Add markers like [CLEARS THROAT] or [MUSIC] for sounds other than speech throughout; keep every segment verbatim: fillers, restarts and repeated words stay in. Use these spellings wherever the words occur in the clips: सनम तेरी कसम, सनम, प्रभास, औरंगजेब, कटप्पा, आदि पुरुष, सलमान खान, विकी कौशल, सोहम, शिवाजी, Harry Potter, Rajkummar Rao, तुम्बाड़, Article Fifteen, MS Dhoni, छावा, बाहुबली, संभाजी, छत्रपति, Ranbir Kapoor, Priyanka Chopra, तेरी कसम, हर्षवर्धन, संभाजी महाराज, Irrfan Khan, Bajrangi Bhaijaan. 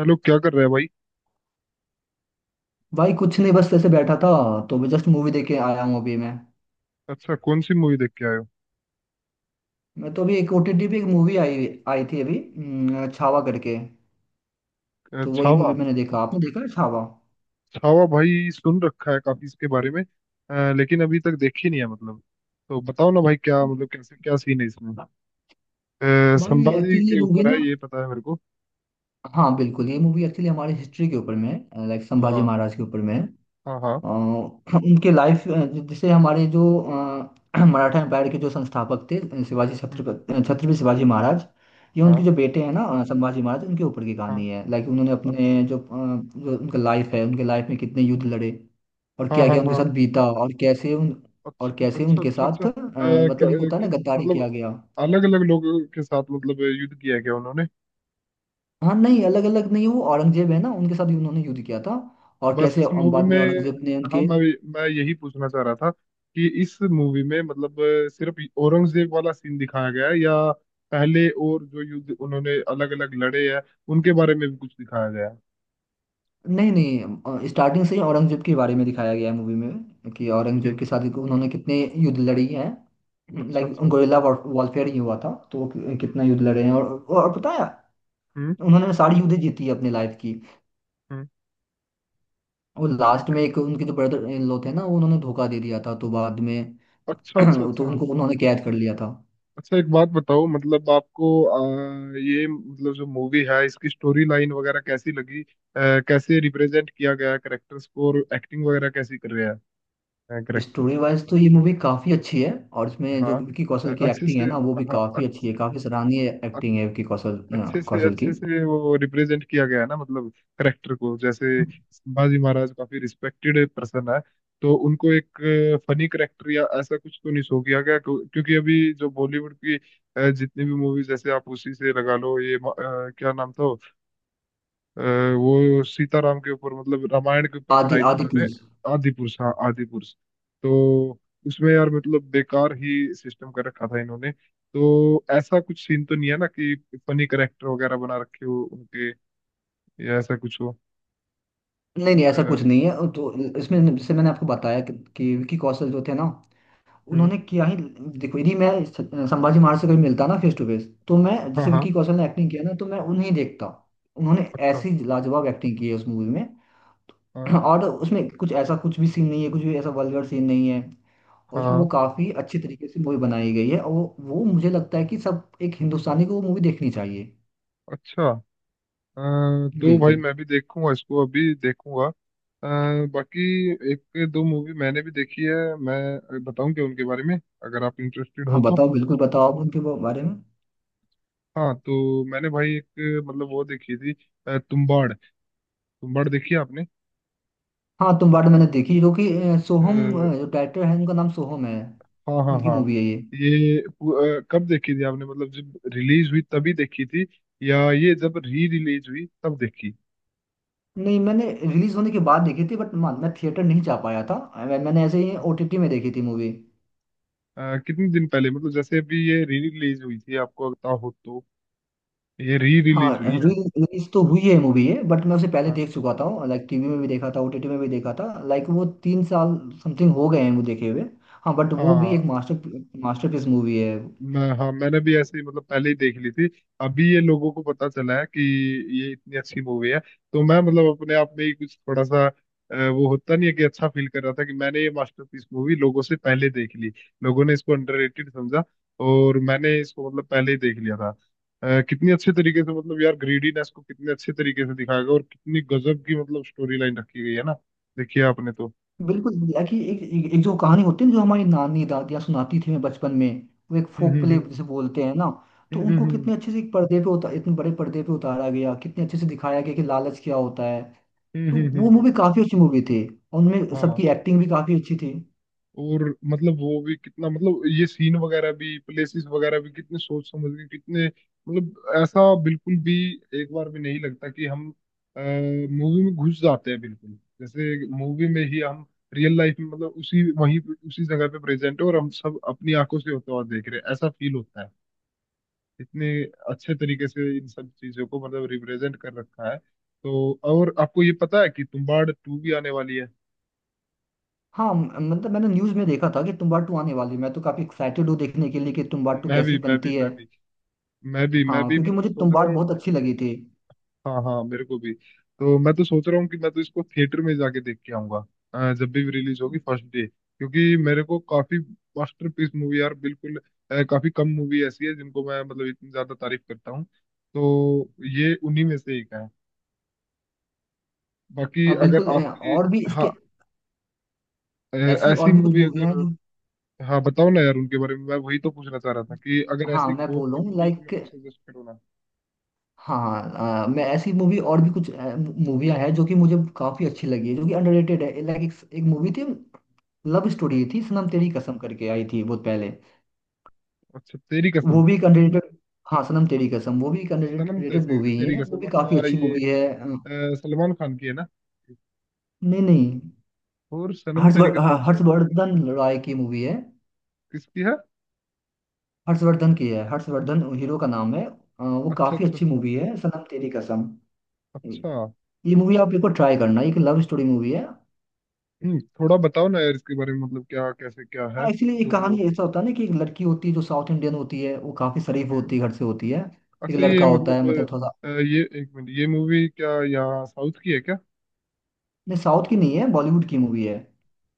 Hello, क्या कर रहे हैं भाई। भाई कुछ नहीं, बस ऐसे बैठा था। तो मैं जस्ट मूवी देख के आया हूँ अभी। मैं अच्छा, कौन सी मूवी देख के आए हो। मैं तो अभी एक ओटीटी पे एक मूवी आई आई थी अभी, हम्म, छावा करके। अ, तो वही छावा। मूवी मैंने देखा। आपने देखा है छावा छावा भाई, सुन रखा है काफी इसके बारे में, अ, लेकिन अभी तक देखी नहीं है मतलब। तो बताओ ना भाई, क्या मतलब, कैसे क्या सीन है इसमें। अ, भाई? संभाजी एक्चुअली ये के मूवी ऊपर है ना, ये, पता है मेरे को। हाँ बिल्कुल, ये मूवी एक्चुअली हमारी हिस्ट्री के ऊपर में, लाइक संभाजी हाँ, महाराज के ऊपर में है। अ, हाँ, हाँ। हम उनके लाइफ, जैसे हमारे जो अ, [CLEARS THROAT] मराठा एम्पायर के जो संस्थापक थे, अ, शिवाजी हम्म। छत्रपति छत्रपति शिवाजी महाराज, ये उनके हाँ, जो बेटे हैं ना, अ, संभाजी महाराज, उनके ऊपर की हाँ। कहानी है। लाइक उन्होंने अच्छा। अपने जो अ, जो उनका लाइफ है, उनके लाइफ में कितने युद्ध लड़े और हाँ, क्या हाँ, क्या उनके हाँ। साथ बीता और कैसे उन, अच्छा, और कैसे अच्छा, उनके अच्छा। अच्छा। साथ अ, अ, मतलब एक क- होता है ना कित- गद्दारी मतलब, किया गया। अलग अलग लोगों के साथ मतलब, युद्ध किया है क्या उन्होंने? हाँ नहीं, अलग अलग नहीं, वो औरंगजेब है ना, उनके साथ भी उन्होंने युद्ध किया था। और बस कैसे अ, इस मूवी बाद में में। औरंगजेब ने हाँ, उनके, मैं मैं यही पूछना चाह रहा था कि इस मूवी में मतलब अ, सिर्फ औरंगजेब वाला सीन दिखाया गया है, या पहले और जो युद्ध उन्होंने अलग अलग लड़े हैं उनके बारे में भी कुछ दिखाया गया है? नहीं नहीं, स्टार्टिंग से ही औरंगजेब के बारे में दिखाया गया है मूवी में, कि औरंगजेब ठीक। के साथ उन्होंने कितने युद्ध लड़ी हैं। अच्छा, लाइक अच्छा। गोरिल्ला वॉरफेयर ही हुआ था, तो वो कि- कितना हम्म, युद्ध लड़े हैं। और और पता है, हम्म, उन्होंने सारी युद्ध जीती है अपनी लाइफ की। हम्म। और लास्ट ठीक में है। एक उनके जो ब्रदर इन लॉ थे ना, वो उन्होंने धोखा दे दिया था, तो बाद में अच्छा, [CLEARS THROAT] अच्छा, तो अच्छा। उनको उन्होंने कैद कर लिया था। अच्छा, एक बात बताओ मतलब, आपको अ, ये मतलब जो मूवी है इसकी स्टोरी लाइन वगैरह कैसी लगी? अ, कैसे रिप्रेजेंट किया गया करेक्टर्स को, और एक्टिंग वगैरह कैसी कर रहे हैं करेक्टर? स्टोरी वाइज तो ये मूवी काफी अच्छी है। और इसमें जो हाँ। विकी अ- कौशल की अच्छे एक्टिंग से। है ना, वो भी हाँ, काफी अच्छी अक्स, है। काफी सराहनीय अक- एक्टिंग है विकी कौशल, अ, अच्छे से कौशल की। अच्छे से वो रिप्रेजेंट किया गया है ना मतलब, करेक्टर को। जैसे संभाजी महाराज काफी रिस्पेक्टेड पर्सन है, तो उनको एक फनी करेक्टर या ऐसा कुछ तो नहीं शो किया गया, क्यों- क्योंकि अभी जो बॉलीवुड की अ, जितनी भी मूवीज, जैसे आप उसी से लगा लो ये, म- अ, क्या नाम था, अ, वो सीताराम के ऊपर मतलब रामायण के ऊपर आदि बनाई थी आदि इन्होंने। टूर्स। आदि पुरुष, हाँ आदि पुरुष। तो उसमें यार मतलब बेकार ही सिस्टम कर रखा था इन्होंने। तो ऐसा कुछ सीन तो नहीं है ना कि फनी करेक्टर वगैरह बना रखे हो उनके, या ऐसा कुछ हो? नहीं नहीं, आ, ऐसा कुछ हम्म। नहीं है। तो इसमें, जैसे मैंने आपको बताया कि, कि विकी कौशल जो थे ना, उन्होंने क्या ही, देखो, यदि मैं स- संभाजी महाराज से कभी मिलता ना फेस टू फेस, तो मैं हाँ, जैसे हाँ। विकी कौशल ने एक्टिंग किया ना, तो मैं उन्हें देखता। उन्होंने अच्छा। ऐसी लाजवाब एक्टिंग की है उस मूवी में। हाँ, [CLEARS THROAT] और उसमें कुछ ऐसा, कुछ भी सीन नहीं है, कुछ भी ऐसा वल्गर सीन नहीं है। और उसमें हाँ। वो काफी अच्छी तरीके से मूवी बनाई गई है। और वो वो मुझे लगता है कि सब एक हिंदुस्तानी को वो मूवी देखनी चाहिए। अच्छा। अ, तो भाई बिल्कुल। मैं भी देखूंगा इसको, अभी देखूंगा। अ, बाकी एक दो मूवी मैंने भी देखी है, मैं बताऊं क्या उनके बारे में, अगर आप इंटरेस्टेड हाँ हो तो। बताओ, बिल्कुल बताओ आप उनके बारे में। हाँ, तो मैंने भाई एक मतलब वो देखी थी, अ, तुम्बाड़। तुम्बाड़ देखी है आपने? हाँ, तुम वार्ड मैंने देखी, जो कि अ, अ, सोहम, अ, जो डायरेक्टर है उनका नाम सोहम है, हाँ, हाँ, उनकी हाँ। मूवी है ये। ये पु- अ, कब देखी थी आपने, मतलब जब रिलीज हुई तभी देखी थी, या ये जब री रिलीज हुई तब देखी? नहीं, मैंने रिलीज होने के बाद देखी थी, बट मैं थिएटर नहीं जा पाया था। अ, मैं, मैंने ऐसे ही हाँ। ओटीटी में देखी थी मूवी। अ, कितने दिन पहले, मतलब जैसे अभी ये री रिलीज हुई थी, आपको पता हो तो। ये री हाँ, रिलीज हुई है? रिलीज तो हुई है मूवी ये, बट मैं उसे पहले हाँ, देख चुका था, लाइक टीवी में भी देखा था, ओटीटी में भी देखा था। लाइक वो तीन साल समथिंग हो गए हैं वो देखे हुए। हाँ, बट वो भी हाँ। एक मास्टर मास्टरपीस मूवी है। मैं हाँ, मैंने भी ऐसे ही मतलब पहले ही देख ली थी। अभी ये लोगों को पता चला है कि ये इतनी अच्छी मूवी है। तो मैं मतलब अपने आप में ही कुछ थोड़ा सा, अ, वो होता नहीं है कि अच्छा फील कर रहा था कि मैंने ये मास्टरपीस मूवी लोगों से पहले देख ली। लोगों ने इसको अंडररेटेड समझा, और मैंने इसको मतलब पहले ही देख लिया था। अ, कितनी अच्छे तरीके से मतलब यार, ग्रीडीनेस को कितने अच्छे तरीके से दिखाया गया, और कितनी गजब की मतलब स्टोरी लाइन रखी गई है ना, देखिए आपने तो। बिल्कुल एक्चुअली एक, एक, एक जो कहानी होती है ना, जो हमारी नानी दादियाँ सुनाती थी हमें बचपन में, वो एक हम्म, फोक प्ले हम्म, जिसे बोलते हैं ना, तो हम्म, उनको हम्म, कितने अच्छे से एक पर्दे पे उतार, इतने बड़े पर्दे पे उतारा गया, कितने अच्छे से दिखाया गया कि लालच क्या होता है। हम्म, तो हम्म, हम्म, हम्म, वो हम्म, हम्म। मूवी काफी अच्छी मूवी थी। और उनमें हाँ। सबकी एक्टिंग भी काफी अच्छी थी। और मतलब वो भी कितना मतलब, ये सीन वगैरह भी, प्लेसेस वगैरह भी कितने सोच समझ के, कितने मतलब, ऐसा बिल्कुल भी एक बार भी नहीं लगता। कि हम मूवी में घुस जाते हैं बिल्कुल, जैसे मूवी में ही हम रियल लाइफ में मतलब, उसी वहीं पे, उसी जगह पे प्रेजेंट है, और हम सब अपनी आंखों से होता हुआ देख रहे हैं, ऐसा फील होता है। इतने अच्छे तरीके से इन सब चीजों को मतलब रिप्रेजेंट कर रखा है। तो और आपको ये पता है कि तुम्बाड़ टू भी आने वाली है? हाँ, म- मतलब मैंने न्यूज में देखा था कि तुम्बाड़ टू आने वाली है। मैं तो काफी एक्साइटेड हूँ देखने के लिए कि तुम्बाड़ टू मैं भी कैसी मैं भी बनती है। मैं भी मैं भी मैं हाँ, भी, क्योंकि मैं तो मुझे सोच रहा तुम्बाड़ हूँ। बहुत अच्छी लगी थी। हाँ, हाँ, मेरे को भी। तो मैं तो सोच रहा हूँ कि मैं तो इसको थिएटर में जाके देख के आऊंगा, अ, जब भी रिलीज होगी, फर्स्ट डे, क्योंकि मेरे को काफी मास्टरपीस मूवी यार बिल्कुल। अ, काफी कम मूवी ऐसी है जिनको मैं मतलब इतनी ज्यादा तारीफ करता हूँ, तो ये उन्हीं में से एक है। बाकी हाँ अगर बिल्कुल, अ, आपकी, और भी हाँ, इसके, अ, ऐसी और ऐसी भी कुछ मूवी मूवियाँ हैं अगर, जो, हाँ बताओ ना यार उनके बारे में। मैं वही तो पूछना चाह रहा था कि अगर हाँ ऐसी मैं और बोल कोई रहा हूँ मूवी हो तो मेरे लाइक, को सजेस्ट करो ना। हाँ हाँ, अ, मैं ऐसी मूवी, और भी कुछ मूवियाँ हैं जो कि मुझे काफी अच्छी लगी है, जो कि अंडररेटेड है। लाइक एक, एक मूवी थी, लव स्टोरी हम्म। थी, सनम तेरी कसम करके आई थी बहुत पहले। अच्छा, तेरी वो कसम। भी एक अंडररेटेड, हाँ सनम तेरी कसम, वो भी एक सनम अंडररेटेड तेरी मूवी तेरी है, वो कसम, भी काफी अच्छा, अच्छी ये मूवी है। अ, अ, सलमान खान की है ना? नहीं नहीं, और सनम तेरी हर्षवर कसम ह- तो शायद, हर्षवर्धन रॉय की मूवी है। किसकी है? हर्षवर्धन की है, हर्षवर्धन हीरो का नाम है। अ, वो अच्छा, काफी अच्छा, अच्छी अच्छा। मूवी है सनम तेरी कसम। अच्छा। ये मूवी आप एक बार ट्राई करना, एक लव स्टोरी मूवी है। हम्म, थोड़ा बताओ ना यार इसके बारे में, मतलब क्या, कैसे क्या है हाँ एक्चुअली ये कहानी तो? ऐसा होता है ना कि एक लड़की होती है, जो साउथ इंडियन होती है, वो काफी शरीफ हम्म, होती है, घर से होती है। एक अच्छा ये लड़का होता है, मतलब, मतलब थोड़ा, अ, ये एक मिनट, ये मूवी क्या यहाँ साउथ की है क्या? नहीं साउथ की नहीं है, बॉलीवुड की मूवी है।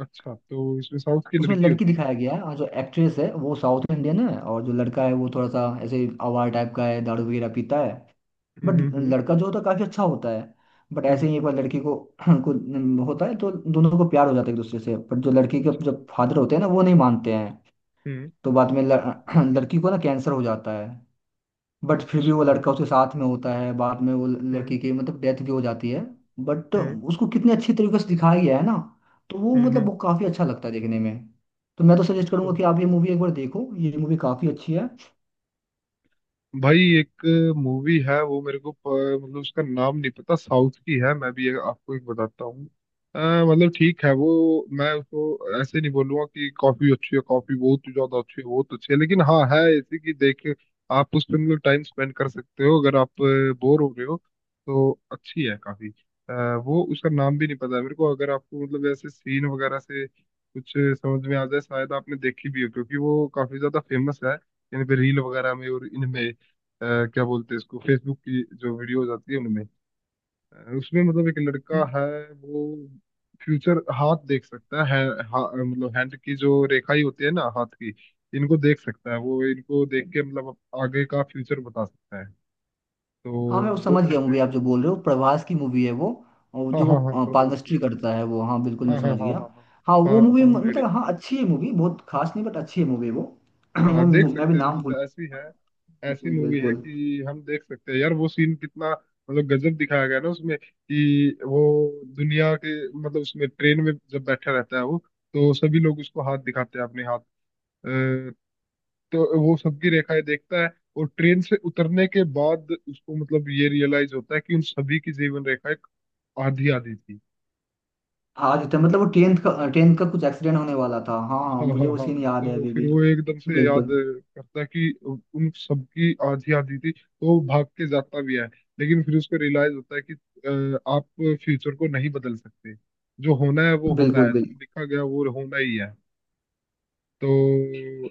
अच्छा, तो इसमें साउथ की उसमें लड़की लड़की होती है। दिखाया गया है, और जो एक्ट्रेस है वो साउथ इंडियन है। और जो लड़का है, वो थोड़ा सा ऐसे आवारा टाइप का है, दारू वगैरह पीता है। हम्म, बट हम्म, हम्म, लड़का जो होता है काफी अच्छा होता है। बट हम्म। ऐसे ही एक बार लड़की को [CLEARS THROAT] को न- होता है, तो दोनों को प्यार हो जाता है एक दूसरे से। बट जो लड़की के अच्छा, अच्छा। जब फादर होते हैं ना, वो नहीं मानते हैं। हम्म। तो बाद में ल- [CLEARS THROAT] लड़की को ना कैंसर हो जाता है। बट फिर भी वो अच्छा। लड़का उसके साथ में होता है। बाद में वो हम्म, लड़की की मतलब डेथ भी हो जाती है। बट हम्म, उसको कितने अच्छी तरीके से दिखाया गया है ना, तो वो हम्म, मतलब हम्म। वो काफी अच्छा लगता है देखने में। तो मैं तो सजेस्ट करूंगा अच्छा कि आप ये मूवी एक बार देखो, ये मूवी काफी अच्छी है। भाई। एक मूवी है वो मेरे को प- मतलब उसका नाम नहीं पता, साउथ की है, मैं भी एक- आपको एक बताता हूँ। अ, मतलब ठीक है, वो मैं उसको ऐसे नहीं बोलूंगा कि कॉफी अच्छी है, कॉफी बहुत ही ज्यादा अच्छी है, बहुत अच्छी है, लेकिन हाँ है ऐसी कि देख के आप उस पर मतलब टाइम स्पेंड कर सकते हो, अगर आप बोर हो रहे हो तो, अच्छी है काफी। अ, वो उसका नाम भी नहीं पता है मेरे को, अगर आपको मतलब ऐसे सीन वगैरह से कुछ समझ में आ जाए, शायद आपने देखी भी हो, क्योंकि वो काफी ज्यादा फेमस है इन पे, रील वगैरह में और इनमें, अ, क्या बोलते हैं इसको, फेसबुक की जो वीडियोज आती है उनमें। अ, उसमें मतलब एक लड़का है, वो फ्यूचर, हाथ देख सकता है। हा, मतलब हैंड की जो रेखाएं होती है ना, हाथ की, इनको देख सकता है। वो इनको देख के मतलब अप- आगे का फ्यूचर बता सकता है। तो हाँ मैं वो वो समझ गया, ऐसे, मूवी आप जो बोल रहे हो, प्रभास की मूवी है वो। और हाँ, जो वो हाँ, हाँ, प्रभास की पादमश्री है। करता है वो, हाँ बिल्कुल मैं हाँ, हाँ, समझ हाँ, गया। हाँ, हाँ। हाँ वो पा, मूवी, पाम। मतलब हाँ अच्छी है मूवी, बहुत खास नहीं, बट अच्छी है मूवी वो। [CLEARS THROAT] मैं हाँ, देख मैं भी सकते हैं नाम भूल, मतलब ऐसी है। ऐसी बिल्कुल मूवी है बिल्कुल। कि हम देख सकते हैं। यार वो सीन कितना मतलब गजब दिखाया गया ना उसमें, कि वो दुनिया के मतलब, उसमें ट्रेन में जब बैठा रहता है वो, तो सभी लोग उसको हाथ दिखाते हैं, अपने हाथ, अ, तो वो सबकी रेखाएं देखता है। और ट्रेन से उतरने के बाद उसको मतलब ये रियलाइज होता है कि उन सभी की जीवन रेखाएं आधी आधी थी। आज था, मतलब वो टेंथ का टेंथ का कुछ एक्सीडेंट होने वाला था। हाँ हाँ, हाँ, हाँ, मुझे वो हाँ, सीन हाँ। याद है तो अभी फिर भी। वो एकदम से याद बिल्कुल करता है कि उन सबकी आधी आधी थी, तो वो भाग के जाता भी है, लेकिन फिर उसको रियलाइज होता है कि अ, आप फ्यूचर को नहीं बदल सकते, जो होना है वो होना बिल्कुल। है, जो बिल्कुल। लिखा गया वो होना ही है। तो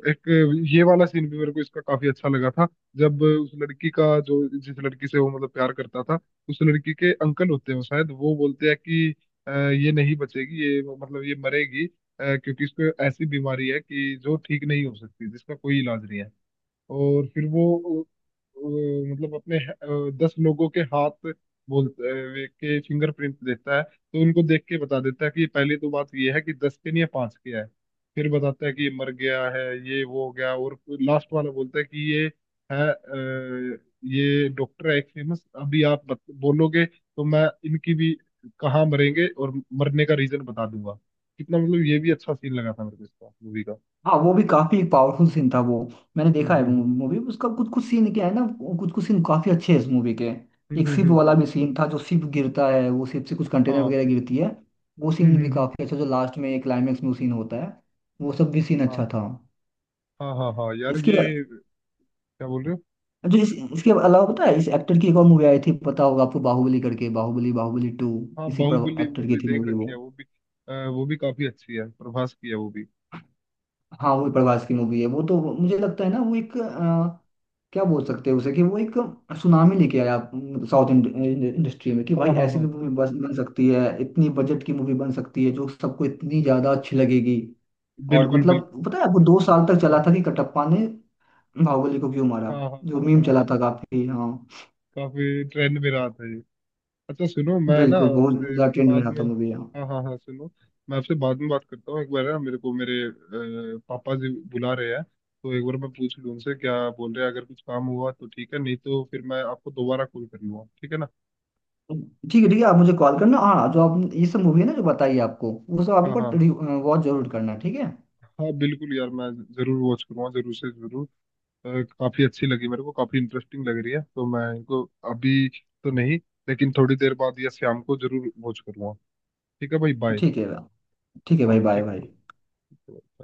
एक ये वाला सीन भी मेरे को इसका काफी अच्छा लगा था। जब उस लड़की का, जो जिस लड़की से वो मतलब प्यार करता था, उस लड़की के अंकल होते हैं, वो शायद वो बोलते हैं कि, "अ, ये नहीं बचेगी, ये मतलब ये मरेगी, अ, क्योंकि इसको ऐसी बीमारी है कि जो ठीक नहीं हो सकती, जिसका कोई इलाज नहीं है।" और फिर वो अ, मतलब अपने अ, दस लोगों के हाथ, बोलते अ, वे- के फिंगरप्रिंट देता है, तो उनको देख के बता देता है कि पहली तो बात ये है कि दस के नहीं है, पांच के है। फिर बताता है कि ये मर गया है, ये वो हो गया, और लास्ट वाला बोलता है कि ये है अ, ये डॉक्टर है एक फेमस। अभी आप बत, बोलोगे तो मैं इनकी भी कहाँ मरेंगे और मरने का रीजन बता दूंगा। कितना मतलब, ये भी अच्छा सीन लगा था मेरे को इसका, मूवी का। हाँ वो भी काफी पावरफुल सीन था वो। मैंने हम्म, देखा है हम्म, हम्म, मूवी, उसका कुछ कुछ सीन क्या है ना, कुछ कुछ सीन काफी अच्छे हैं इस मूवी के। हम्म, एक हम्म, शिप वाला हम्म, भी सीन था, जो शिप गिरता है, वो शिप से कुछ कंटेनर हम्म, वगैरह गिरती है, वो हम्म, सीन भी हम्म, हम्म। काफी अच्छा, जो लास्ट में क्लाइमेक्स में वो सीन होता है, वो सब भी सीन अच्छा हाँ, था। हाँ, हाँ, हाँ यार, इसके ये क्या बोल रहे हो? जो इस, इसके अलावा, पता है, इस एक्टर की एक और मूवी आई थी, पता होगा आपको, बाहुबली करके, बाहुबली बाहुबली टू, हाँ, इसी पर बाहुबली वो एक्टर की भी थी देख मूवी वो। रखी है, वो भी अ, वो भी काफी अच्छी है, प्रभास की है वो भी। हाँ वो प्रभास की मूवी है वो, तो मुझे लगता है ना वो एक अ, क्या बोल सकते हैं उसे, कि वो एक सुनामी लेके आया साउथ इंडस्ट्री में, कि भाई हाँ, हाँ, ऐसी हाँ, भी मूवी प्रभास, बन बन सकती है, इतनी बजट की मूवी बन सकती है जो सबको इतनी ज्यादा अच्छी लगेगी। और बिल्कुल, मतलब बिल्कुल। पता है वो दो साल तक चला था काफी- कि कटप्पा ने बाहुबली को क्यों मारा, हाँ, हाँ, जो हाँ, मीम हाँ, हाँ, चला हाँ। था ये काफी, हाँ काफी ट्रेंड में रहा था ये। अच्छा सुनो, मैं ना बिल्कुल, बहुत आपसे ज्यादा ट्रेंड में बाद रहा में, था मूवी हाँ। हाँ, हाँ, हाँ सुनो, मैं आपसे बाद में बात करता हूँ। एक बार ना, मेरे को मेरे अ, पापा जी बुला रहे हैं, तो एक बार मैं पूछ लूँ उनसे क्या बोल रहे हैं। अगर कुछ काम हुआ तो ठीक है, नहीं तो फिर मैं आपको दोबारा कॉल कर लूँगा, ठीक है ना? ठीक है ठीक है, आप मुझे कॉल करना, हाँ जो आप ये सब मूवी है ना जो बताइए आपको, वो सब आप एक हाँ, हाँ, बार वॉच जरूर करना ठीक है। हाँ बिल्कुल यार, मैं जरूर वॉच करूँगा, जरूर से जरूर। अ, काफी अच्छी लगी मेरे को, काफी इंटरेस्टिंग लग रही है, तो मैं इनको अभी तो नहीं, लेकिन थोड़ी देर बाद या शाम को जरूर वॉच करूँगा। ठीक है भाई, बाय। ठीक है, ठीक है भाई, हाँ, बाय ठीक भाई। है।